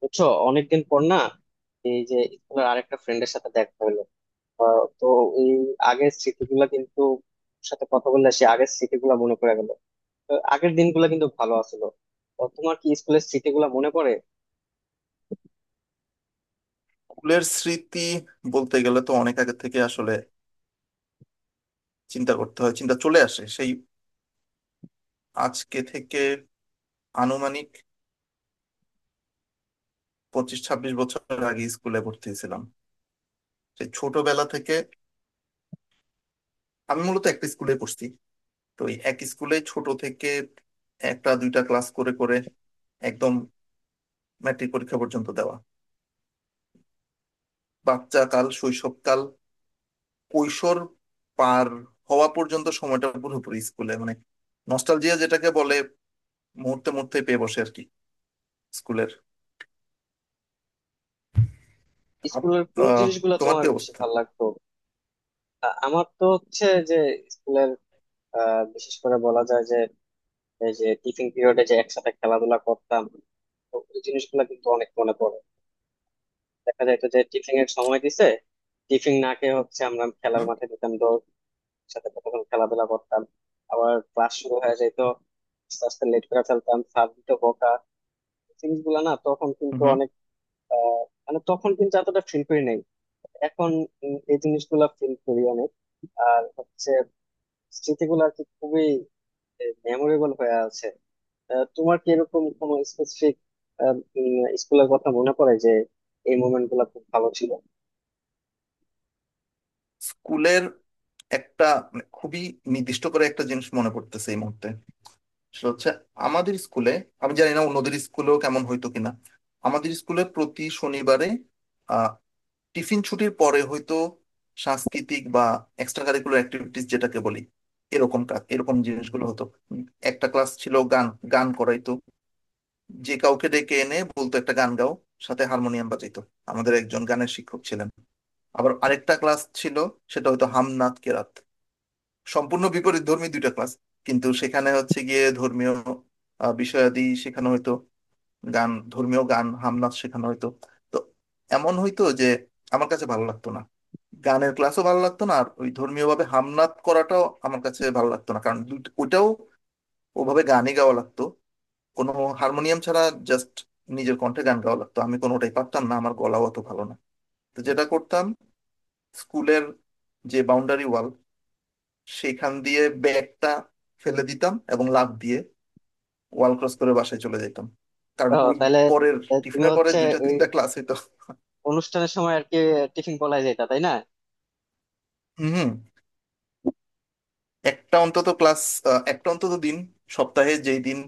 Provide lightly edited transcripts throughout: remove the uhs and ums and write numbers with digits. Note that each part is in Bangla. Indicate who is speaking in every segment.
Speaker 1: বুঝছো অনেকদিন পর না? এই যে স্কুলের আরেকটা ফ্রেন্ডের সাথে দেখা হলো। তো এই আগের স্মৃতিগুলো কিন্তু ওর সাথে কথা বললে সে আগের স্মৃতিগুলো মনে পড়ে গেল। তো আগের দিনগুলো কিন্তু ভালো আছিল। তো তোমার কি স্কুলের স্মৃতিগুলো মনে পড়ে?
Speaker 2: স্কুলের স্মৃতি বলতে গেলে তো অনেক আগে থেকে আসলে চিন্তা করতে হয়, চিন্তা চলে আসে সেই আজকে থেকে আনুমানিক 25-26 বছর আগে স্কুলে ভর্তি হয়েছিলাম। সেই ছোটবেলা থেকে আমি মূলত একটা স্কুলে পড়ছি। তো এই এক স্কুলে ছোট থেকে একটা দুইটা ক্লাস করে করে একদম ম্যাট্রিক পরীক্ষা পর্যন্ত দেওয়া। বাচ্চা কাল, শৈশবকাল, কৈশোর পার হওয়া পর্যন্ত সময়টা পুরোপুরি স্কুলে, মানে নস্টালজিয়া যেটাকে বলে, মুহূর্তে মুহূর্তে পেয়ে বসে আর কি। স্কুলের আপ-
Speaker 1: স্কুলের কোন
Speaker 2: আহ,
Speaker 1: জিনিসগুলো
Speaker 2: তোমার
Speaker 1: তোমার
Speaker 2: কি
Speaker 1: বেশি
Speaker 2: অবস্থা?
Speaker 1: ভালো লাগতো? আমার তো হচ্ছে যে স্কুলের বিশেষ করে বলা যায় যে এই যে টিফিন পিরিয়ডে যে একসাথে খেলাধুলা করতাম, তো ওই জিনিসগুলো কিন্তু অনেক মনে পড়ে। দেখা যাইতো যে টিফিন এর সময় দিছে, টিফিন না খেয়ে হচ্ছে আমরা খেলার
Speaker 2: হুম
Speaker 1: মাঠে যেতাম দৌড়ের সাথে, কতক্ষণ খেলাধুলা করতাম, আবার ক্লাস শুরু হয়ে যেত। আস্তে আস্তে লেট করে ফেলতাম, স্যার দিত বকা। জিনিসগুলো না তখন কিন্তু
Speaker 2: হুম।
Speaker 1: অনেক, আহ, মানে তখন কিন্তু এতটা ফিল করি নাই, এখন এই জিনিসগুলো ফিল করি অনেক। আর হচ্ছে স্মৃতিগুলো আর কি খুবই মেমোরেবল হয়ে আছে। আহ, তোমার কি এরকম কোনো স্পেসিফিক স্কুলের কথা মনে পড়ে যে এই মোমেন্ট গুলো খুব ভালো ছিল?
Speaker 2: স্কুলের একটা, মানে খুবই নির্দিষ্ট করে একটা জিনিস মনে পড়তেছে এই মুহূর্তে। সেটা হচ্ছে আমাদের স্কুলে, আমি জানি না অন্যদের স্কুলেও কেমন হইতো কিনা। আমাদের স্কুলে প্রতি শনিবারে আহ টিফিন ছুটির পরে হয়তো সাংস্কৃতিক বা এক্সট্রা কারিকুলার অ্যাক্টিভিটিস যেটাকে বলি, এরকম কাজ এরকম জিনিসগুলো হতো। উম, একটা ক্লাস ছিল গান। গান করাইতো, যে কাউকে ডেকে এনে বলতো একটা গান গাও, সাথে হারমোনিয়াম বাজাইতো। আমাদের একজন গানের শিক্ষক ছিলেন। আবার আরেকটা ক্লাস ছিল, সেটা হয়তো হামনাত কেরাত। সম্পূর্ণ বিপরীত ধর্মী দুইটা ক্লাস, কিন্তু সেখানে হচ্ছে গিয়ে ধর্মীয় বিষয়াদি শেখানো হয়তো। গান, ধর্মীয় গান, হামনাত শেখানো হয়তো। তো এমন হয়তো যে আমার কাছে ভালো লাগতো না। গানের ক্লাসও ভালো লাগতো না, আর ওই ধর্মীয় ভাবে হামনাত করাটাও আমার কাছে ভালো লাগতো না, কারণ ওটাও ওভাবে গানই গাওয়া লাগতো, কোনো হারমোনিয়াম ছাড়া, জাস্ট নিজের কণ্ঠে গান গাওয়া লাগতো। আমি কোনোটাই পারতাম না, আমার গলাও অত ভালো না। তো যেটা করতাম, স্কুলের যে বাউন্ডারি ওয়াল, সেইখান দিয়ে ব্যাগটা ফেলে দিতাম এবং লাফ দিয়ে ওয়াল ক্রস করে বাসায় চলে যেতাম। কারণ
Speaker 1: ও
Speaker 2: ওই
Speaker 1: তাহলে,
Speaker 2: পরের,
Speaker 1: তুমি
Speaker 2: টিফিনের পরে
Speaker 1: হচ্ছে
Speaker 2: দুইটা
Speaker 1: ওই
Speaker 2: তিনটা ক্লাস হইতো।
Speaker 1: অনুষ্ঠানের সময় আর কি টিফিন পালাই যেতা, তাই না?
Speaker 2: হম। একটা অন্তত ক্লাস, একটা অন্তত দিন, সপ্তাহে যেই দিন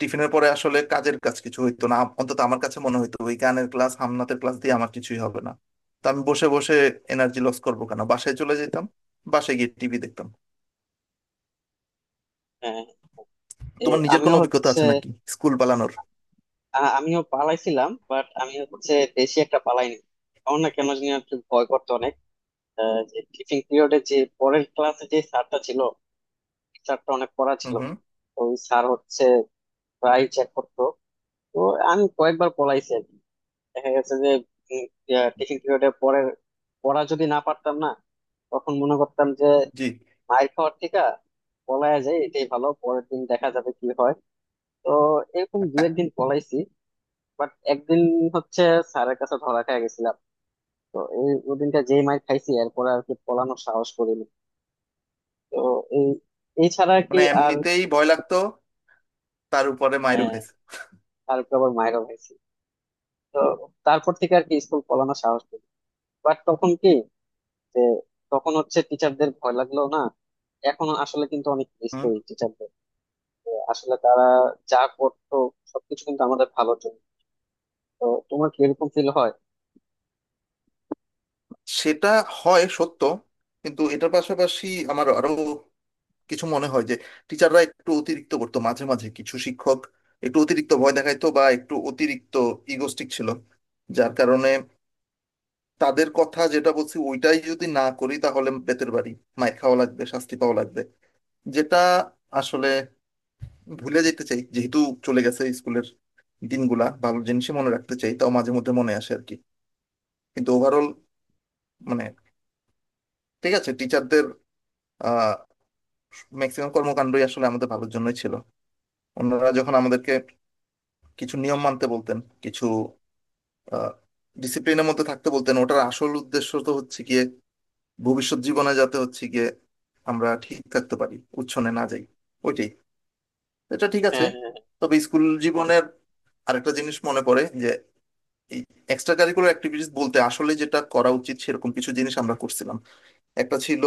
Speaker 2: টিফিনের পরে আসলে কাজের কাজ কিছু হইতো না, অন্তত আমার কাছে মনে হইতো ওই গানের ক্লাস, হামনাতের ক্লাস দিয়ে আমার কিছুই হবে না। তো আমি বসে বসে এনার্জি লস করবো কেন, বাসায় চলে যেতাম। বাসায় গিয়ে টিভি দেখতাম।
Speaker 1: হ্যাঁ। এ,
Speaker 2: তোমার নিজের
Speaker 1: আমিও
Speaker 2: কোনো অভিজ্ঞতা
Speaker 1: হচ্ছে,
Speaker 2: আছে নাকি স্কুল পালানোর?
Speaker 1: আমিও পালাইছিলাম, বাট আমি হচ্ছে বেশি একটা পালাইনি। আমার না কেন জানি একটু ভয় করতো অনেক। আহ, যে টিফিন পিরিয়ডে যে পরের ক্লাসে যে স্যারটা ছিল, স্যারটা অনেক পড়া ছিল।
Speaker 2: হুম হুম।
Speaker 1: তো ওই স্যার হচ্ছে প্রায় চেক করতো। তো আমি কয়েকবার পলাইছি আর কি। দেখা গেছে যে টিফিন পিরিয়ডের পরের পড়া যদি না পারতাম না, তখন মনে করতাম যে
Speaker 2: জি।
Speaker 1: মায়ের খাওয়ার থেকে পলায় যায় এটাই ভালো, পরের দিন দেখা যাবে কি হয়। তো এরকম দু একদিন পলাইছি, বাট একদিন হচ্ছে স্যারের কাছে ধরা খেয়ে গেছিলাম। তো এই ওদিনটা যেই মায়ের খাইছি এরপর আর কি পলানোর সাহস করিনি। তো এই এই ছাড়া আর কি।
Speaker 2: মানে
Speaker 1: আর
Speaker 2: এমনিতেই ভয় লাগতো, তার উপরে মাইরও
Speaker 1: হ্যাঁ,
Speaker 2: খাইছে।
Speaker 1: তারপর আবার মায়েরও খাইছি। তো তারপর থেকে আর কি স্কুল পলানোর সাহস করি। বাট তখন কি, যে তখন হচ্ছে টিচারদের ভয় লাগলো না, এখন আসলে কিন্তু অনেক মিস
Speaker 2: হুম।
Speaker 1: করি টিচারদের। আসলে তারা যা করতো সবকিছু কিন্তু আমাদের ভালো। তো তোমার কি এরকম ফিল হয়?
Speaker 2: সেটা হয় সত্য, কিন্তু এটার পাশাপাশি আমার আরো কিছু মনে হয় যে টিচাররা একটু অতিরিক্ত করতো মাঝে মাঝে। কিছু শিক্ষক একটু অতিরিক্ত ভয় দেখাইতো বা একটু অতিরিক্ত ইগোস্টিক ছিল, যার কারণে তাদের কথা যেটা বলছি ওইটাই যদি না করি তাহলে বেতের বাড়ি, মাইর খাওয়া লাগবে, শাস্তি পাওয়া লাগবে, যেটা আসলে ভুলে যেতে চাই, যেহেতু চলে গেছে স্কুলের দিনগুলা, ভালো জিনিসই মনে রাখতে চাই, তাও মাঝে মধ্যে মনে আসে আর কি। কিন্তু ওভারঅল মানে ঠিক আছে, টিচারদের আহ ম্যাক্সিমাম কর্মকাণ্ডই আসলে আমাদের ভালোর জন্যই ছিল। ওনারা যখন আমাদেরকে কিছু নিয়ম মানতে বলতেন, কিছু আহ ডিসিপ্লিনের মধ্যে থাকতে বলতেন, ওটার আসল উদ্দেশ্য তো হচ্ছে গিয়ে ভবিষ্যৎ জীবনে যাতে হচ্ছে গিয়ে আমরা ঠিক থাকতে পারি, উচ্ছনে না যাই, ওইটাই। এটা ঠিক আছে।
Speaker 1: হ্যাঁ হ্যাঁ।
Speaker 2: তবে স্কুল জীবনের আরেকটা জিনিস মনে পড়ে যে এই এক্সট্রা কারিকুলার অ্যাক্টিভিটিস বলতে আসলে যেটা করা উচিত সেরকম কিছু জিনিস আমরা করছিলাম। একটা ছিল,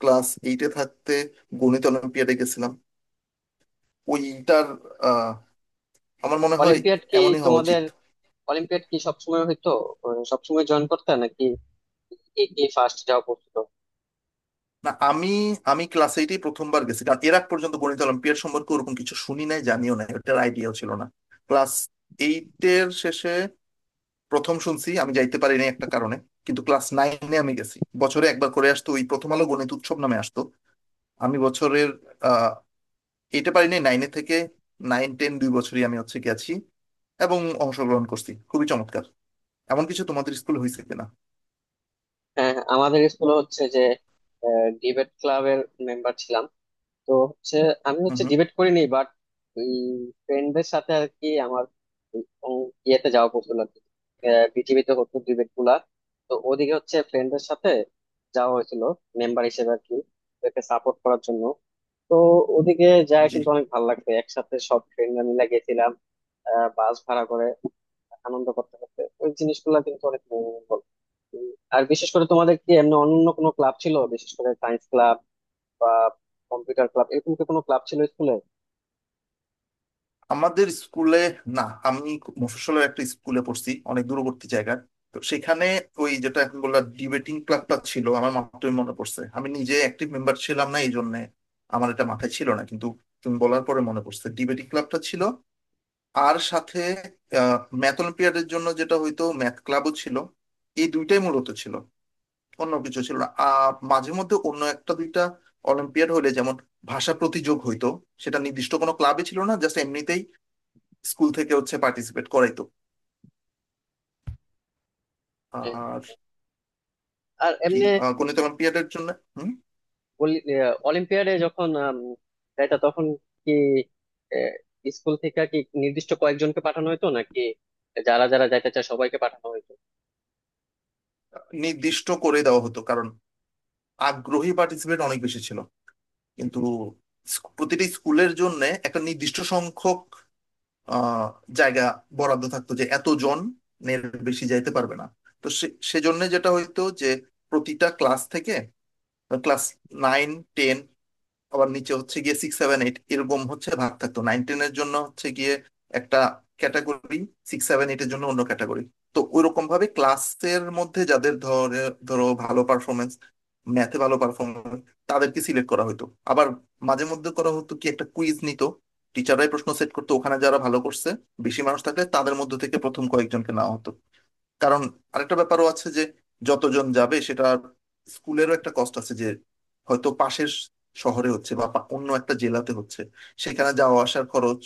Speaker 2: ক্লাস এইটে থাকতে গণিত অলিম্পিয়াডে গেছিলাম। ওইটার আহ আমার মনে হয়
Speaker 1: অলিম্পিয়াড কি
Speaker 2: এমনই হওয়া
Speaker 1: তোমাদের,
Speaker 2: উচিত।
Speaker 1: অলিম্পিয়াড কি সবসময় হইতো? আহ, সবসময় জয়েন করতে নাকি? কি কি ফার্স্ট যাওয়া পড়তো?
Speaker 2: না, আমি আমি ক্লাস এইটেই প্রথমবার গেছি, কারণ এর আগ পর্যন্ত গণিত অলিম্পিয়াড সম্পর্কে ওরকম কিছু শুনি নাই, জানিও নাই, ওটার আইডিয়াও ছিল না। ক্লাস এইটের শেষে প্রথম শুনছি, আমি যাইতে পারিনি একটা কারণে। কিন্তু ক্লাস নাইনে আমি গেছি, বছরে একবার করে আসতো ওই প্রথম আলো গণিত উৎসব নামে আসতো। আমি বছরের আহ এইটে পারিনি, নাইনে থেকে নাইন টেন 2 বছরই আমি হচ্ছে গেছি এবং অংশগ্রহণ করছি, খুবই চমৎকার। এমন কিছু তোমাদের স্কুলে হয়েছে কিনা?
Speaker 1: হ্যাঁ হ্যাঁ, আমাদের স্কুলে হচ্ছে যে ডিবেট ক্লাবের মেম্বার ছিলাম। তো হচ্ছে আমি
Speaker 2: হুম
Speaker 1: হচ্ছে
Speaker 2: হুম।
Speaker 1: ডিবেট করিনি, বাট ওই ফ্রেন্ডদের সাথে আর কি আমার ওই ইয়েতে যাওয়া পড়ছিল আর কি। আহ, পৃথিবীতে হতো ডিবেট গুলা। তো ওদিকে হচ্ছে ফ্রেন্ডদের সাথে যাওয়া হয়েছিল মেম্বার হিসেবে আর কি, ওদেরকে সাপোর্ট করার জন্য। তো ওদিকে যায়
Speaker 2: জি।
Speaker 1: কিন্তু অনেক ভালো লাগবে, একসাথে সব ফ্রেন্ডরা মিলে গেছিলাম। আহ, বাস ভাড়া করে আনন্দ করতে করতে ওই জিনিসগুলো কিন্তু অনেক memorable। উম, আর বিশেষ করে তোমাদের কি এমনি অন্য কোনো ক্লাব ছিল, বিশেষ করে সায়েন্স ক্লাব বা কম্পিউটার ক্লাব, এরকম কি কোনো ক্লাব ছিল স্কুলে?
Speaker 2: আমাদের স্কুলে না, আমি মফস্বলের একটা স্কুলে পড়ছি, অনেক দূরবর্তী জায়গায়। তো সেখানে ওই যেটা এখন বললাম ডিবেটিং ক্লাবটা ছিল, আমার মাত্রই মনে পড়ছে, আমি নিজে অ্যাক্টিভ মেম্বার ছিলাম না, এই জন্য আমার এটা মাথায় ছিল না, কিন্তু তুমি বলার পরে মনে পড়ছে ডিবেটিং ক্লাবটা ছিল। আর সাথে ম্যাথ অলিম্পিয়াডের জন্য যেটা হয়তো ম্যাথ ক্লাবও ছিল। এই দুইটাই মূলত ছিল। অন্য কিছু ছিল না, আর মাঝে মধ্যে অন্য একটা দুইটা অলিম্পিয়াড হলে যেমন ভাষা প্রতিযোগ হইতো, সেটা নির্দিষ্ট কোনো ক্লাবে ছিল না, জাস্ট এমনিতেই স্কুল থেকে হচ্ছে পার্টিসিপেট করাইতো
Speaker 1: হ্যাঁ।
Speaker 2: আর
Speaker 1: আর
Speaker 2: কি,
Speaker 1: এমনি
Speaker 2: গণিত এবং পিরিয়ডের জন্য। হুম।
Speaker 1: অলিম্পিয়াডে যখন যাইতা তখন কি, আহ, স্কুল থেকে কি নির্দিষ্ট কয়েকজনকে পাঠানো হইতো নাকি যারা যারা যাইতে চায় সবাইকে পাঠানো হইতো?
Speaker 2: নির্দিষ্ট করে দেওয়া হতো, কারণ আগ্রহী পার্টিসিপেট অনেক বেশি ছিল। কিন্তু প্রতিটি স্কুলের জন্য একটা নির্দিষ্ট সংখ্যক আহ, জায়গা বরাদ্দ থাকতো, যে এতজন এর বেশি যাইতে পারবে না। তো সেজন্য যেটা হইতো যে প্রতিটা ক্লাস থেকে, ক্লাস নাইন টেন, আবার নিচে হচ্ছে গিয়ে সিক্স সেভেন এইট, এরকম হচ্ছে ভাগ থাকতো। নাইন টেনের জন্য হচ্ছে গিয়ে একটা ক্যাটাগরি, সিক্স সেভেন এইটের জন্য অন্য ক্যাটাগরি। তো ওইরকম ভাবে ক্লাসের মধ্যে যাদের ধরো ভালো পারফরমেন্স, ম্যাথে ভালো পারফরমেন্স, তাদেরকে সিলেক্ট করা হতো। আবার মাঝে মধ্যে করা হতো কি, একটা কুইজ নিত, টিচাররাই প্রশ্ন সেট করতো, ওখানে যারা ভালো করছে, বেশি মানুষ থাকলে তাদের মধ্যে থেকে প্রথম কয়েকজনকে নেওয়া হতো। কারণ আরেকটা ব্যাপারও আছে, যে যতজন যাবে সেটা স্কুলেরও একটা কষ্ট আছে, যে হয়তো পাশের শহরে হচ্ছে বা অন্য একটা জেলাতে হচ্ছে, সেখানে যাওয়া আসার খরচ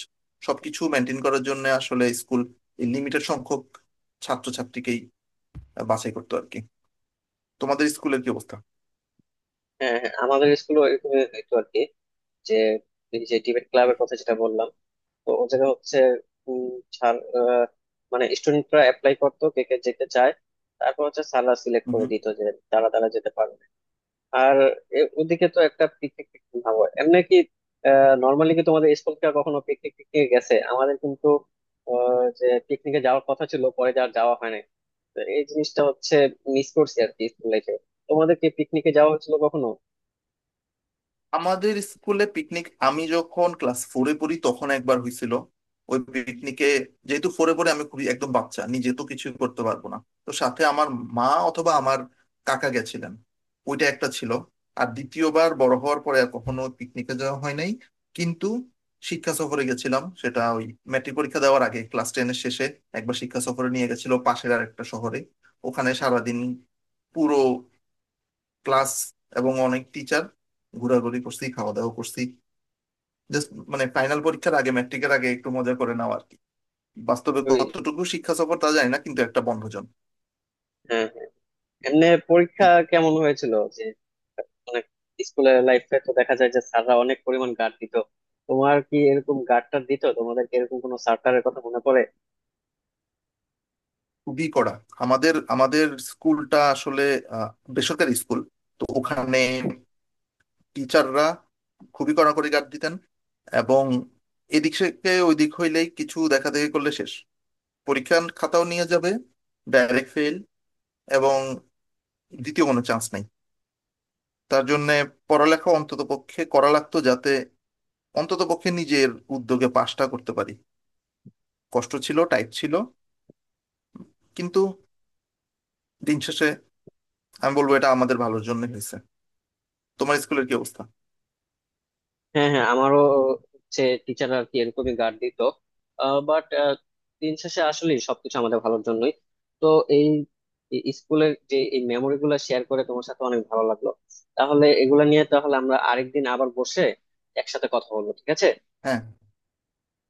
Speaker 2: সবকিছু মেনটেন করার জন্য আসলে স্কুল লিমিটেড সংখ্যক ছাত্রছাত্রীকেই বাছাই করতো আর কি। তোমাদের স্কুলের কি অবস্থা?
Speaker 1: হ্যাঁ হ্যাঁ, আমাদের স্কুলে এরকম হইতো আর কি, যে এই যে ডিবেট ক্লাবের কথা যেটা বললাম, তো ও জায়গায় হচ্ছে উম, ছাড়- আহ, মানে স্টুডেন্টরা অ্যাপ্লাই করতো কে কে যেতে চায়, তারপর হচ্ছে সালা সিলেক্ট করে
Speaker 2: হুম।
Speaker 1: দিত যে তারা তারা যেতে পারবে। আর ওদিকে তো একটা পিকনিক টিকনিক ভাবো এমনি কি, নর্মালি কি তোমাদের স্কুল থেকে কখনো পিকনিক টিকনিকে গেছে? আমাদের কিন্তু আহ, যে পিকনিকে যাওয়ার কথা ছিল পরে আর যাওয়া হয় না। তো এই জিনিসটা হচ্ছে মিস করছি আর কি স্কুল লাইফে। তোমাদের কি পিকনিকে যাওয়া হয়েছিল কখনো?
Speaker 2: আমাদের স্কুলে পিকনিক আমি যখন ক্লাস ফোরে পড়ি তখন একবার হয়েছিল। ওই পিকনিকে যেহেতু ফোরে পড়ে আমি খুবই একদম বাচ্চা, নিজে তো কিছু করতে পারবো না, তো সাথে আমার মা অথবা আমার কাকা গেছিলেন। ওইটা একটা ছিল। আর দ্বিতীয়বার বড় হওয়ার পরে আর কখনো পিকনিকে যাওয়া হয় নাই। কিন্তু শিক্ষা সফরে গেছিলাম, সেটা ওই ম্যাট্রিক পরীক্ষা দেওয়ার আগে ক্লাস টেনের শেষে একবার শিক্ষা সফরে নিয়ে গেছিল পাশের আর একটা শহরে। ওখানে সারাদিন পুরো ক্লাস এবং অনেক টিচার ঘোরাঘুরি করছি, খাওয়া দাওয়া করছি, জাস্ট মানে ফাইনাল পরীক্ষার আগে, ম্যাট্রিকের আগে একটু মজা করে নেওয়া আর কি। বাস্তবে
Speaker 1: ওই
Speaker 2: কতটুকু শিক্ষা সফর তা জানি না, কিন্তু একটা বন্ধজন।
Speaker 1: হ্যাঁ হ্যাঁ। এমনি পরীক্ষা
Speaker 2: হ্যাঁ।
Speaker 1: কেমন হয়েছিল যে, অনেক স্কুলের লাইফে তো দেখা যায় যে স্যাররা অনেক পরিমাণ গার্ড দিত, তোমার কি এরকম গার্ডটা দিত তোমাদেরকে, এরকম কোনো স্যার কথা মনে পড়ে?
Speaker 2: খুবই কড়া। আমাদের আমাদের স্কুলটা আসলে আহ, বেসরকারি স্কুল। তো ওখানে টিচাররা খুবই কড়াকড়ি গার্ড দিতেন। এবং এদিক থেকে ওইদিক হইলেই কিছু দেখা দেখি করলে শেষ, পরীক্ষার খাতাও নিয়ে যাবে, ডাইরেক্ট ফেল, এবং দ্বিতীয় কোনো চান্স নাই। তার জন্য পড়ালেখা অন্তত পক্ষে করা লাগতো, যাতে অন্তত পক্ষে নিজের উদ্যোগে পাশটা করতে পারি। কষ্ট ছিল, টাইট ছিল, কিন্তু দিন শেষে আমি বলবো এটা আমাদের ভালোর জন্য হয়েছে। তোমার স্কুলের কি অবস্থা?
Speaker 1: হ্যাঁ হ্যাঁ, আমারও হচ্ছে টিচাররা আর কি এরকমই গার্ড দিত। বাট দিন শেষে আসলে সবকিছু আমাদের ভালোর জন্যই। তো এই এই স্কুলের যে এই মেমোরি গুলো শেয়ার করে তোমার সাথে অনেক ভালো লাগলো। তাহলে এগুলা নিয়ে তাহলে আমরা আরেকদিন আবার বসে একসাথে কথা বলবো, ঠিক আছে?
Speaker 2: হ্যাঁ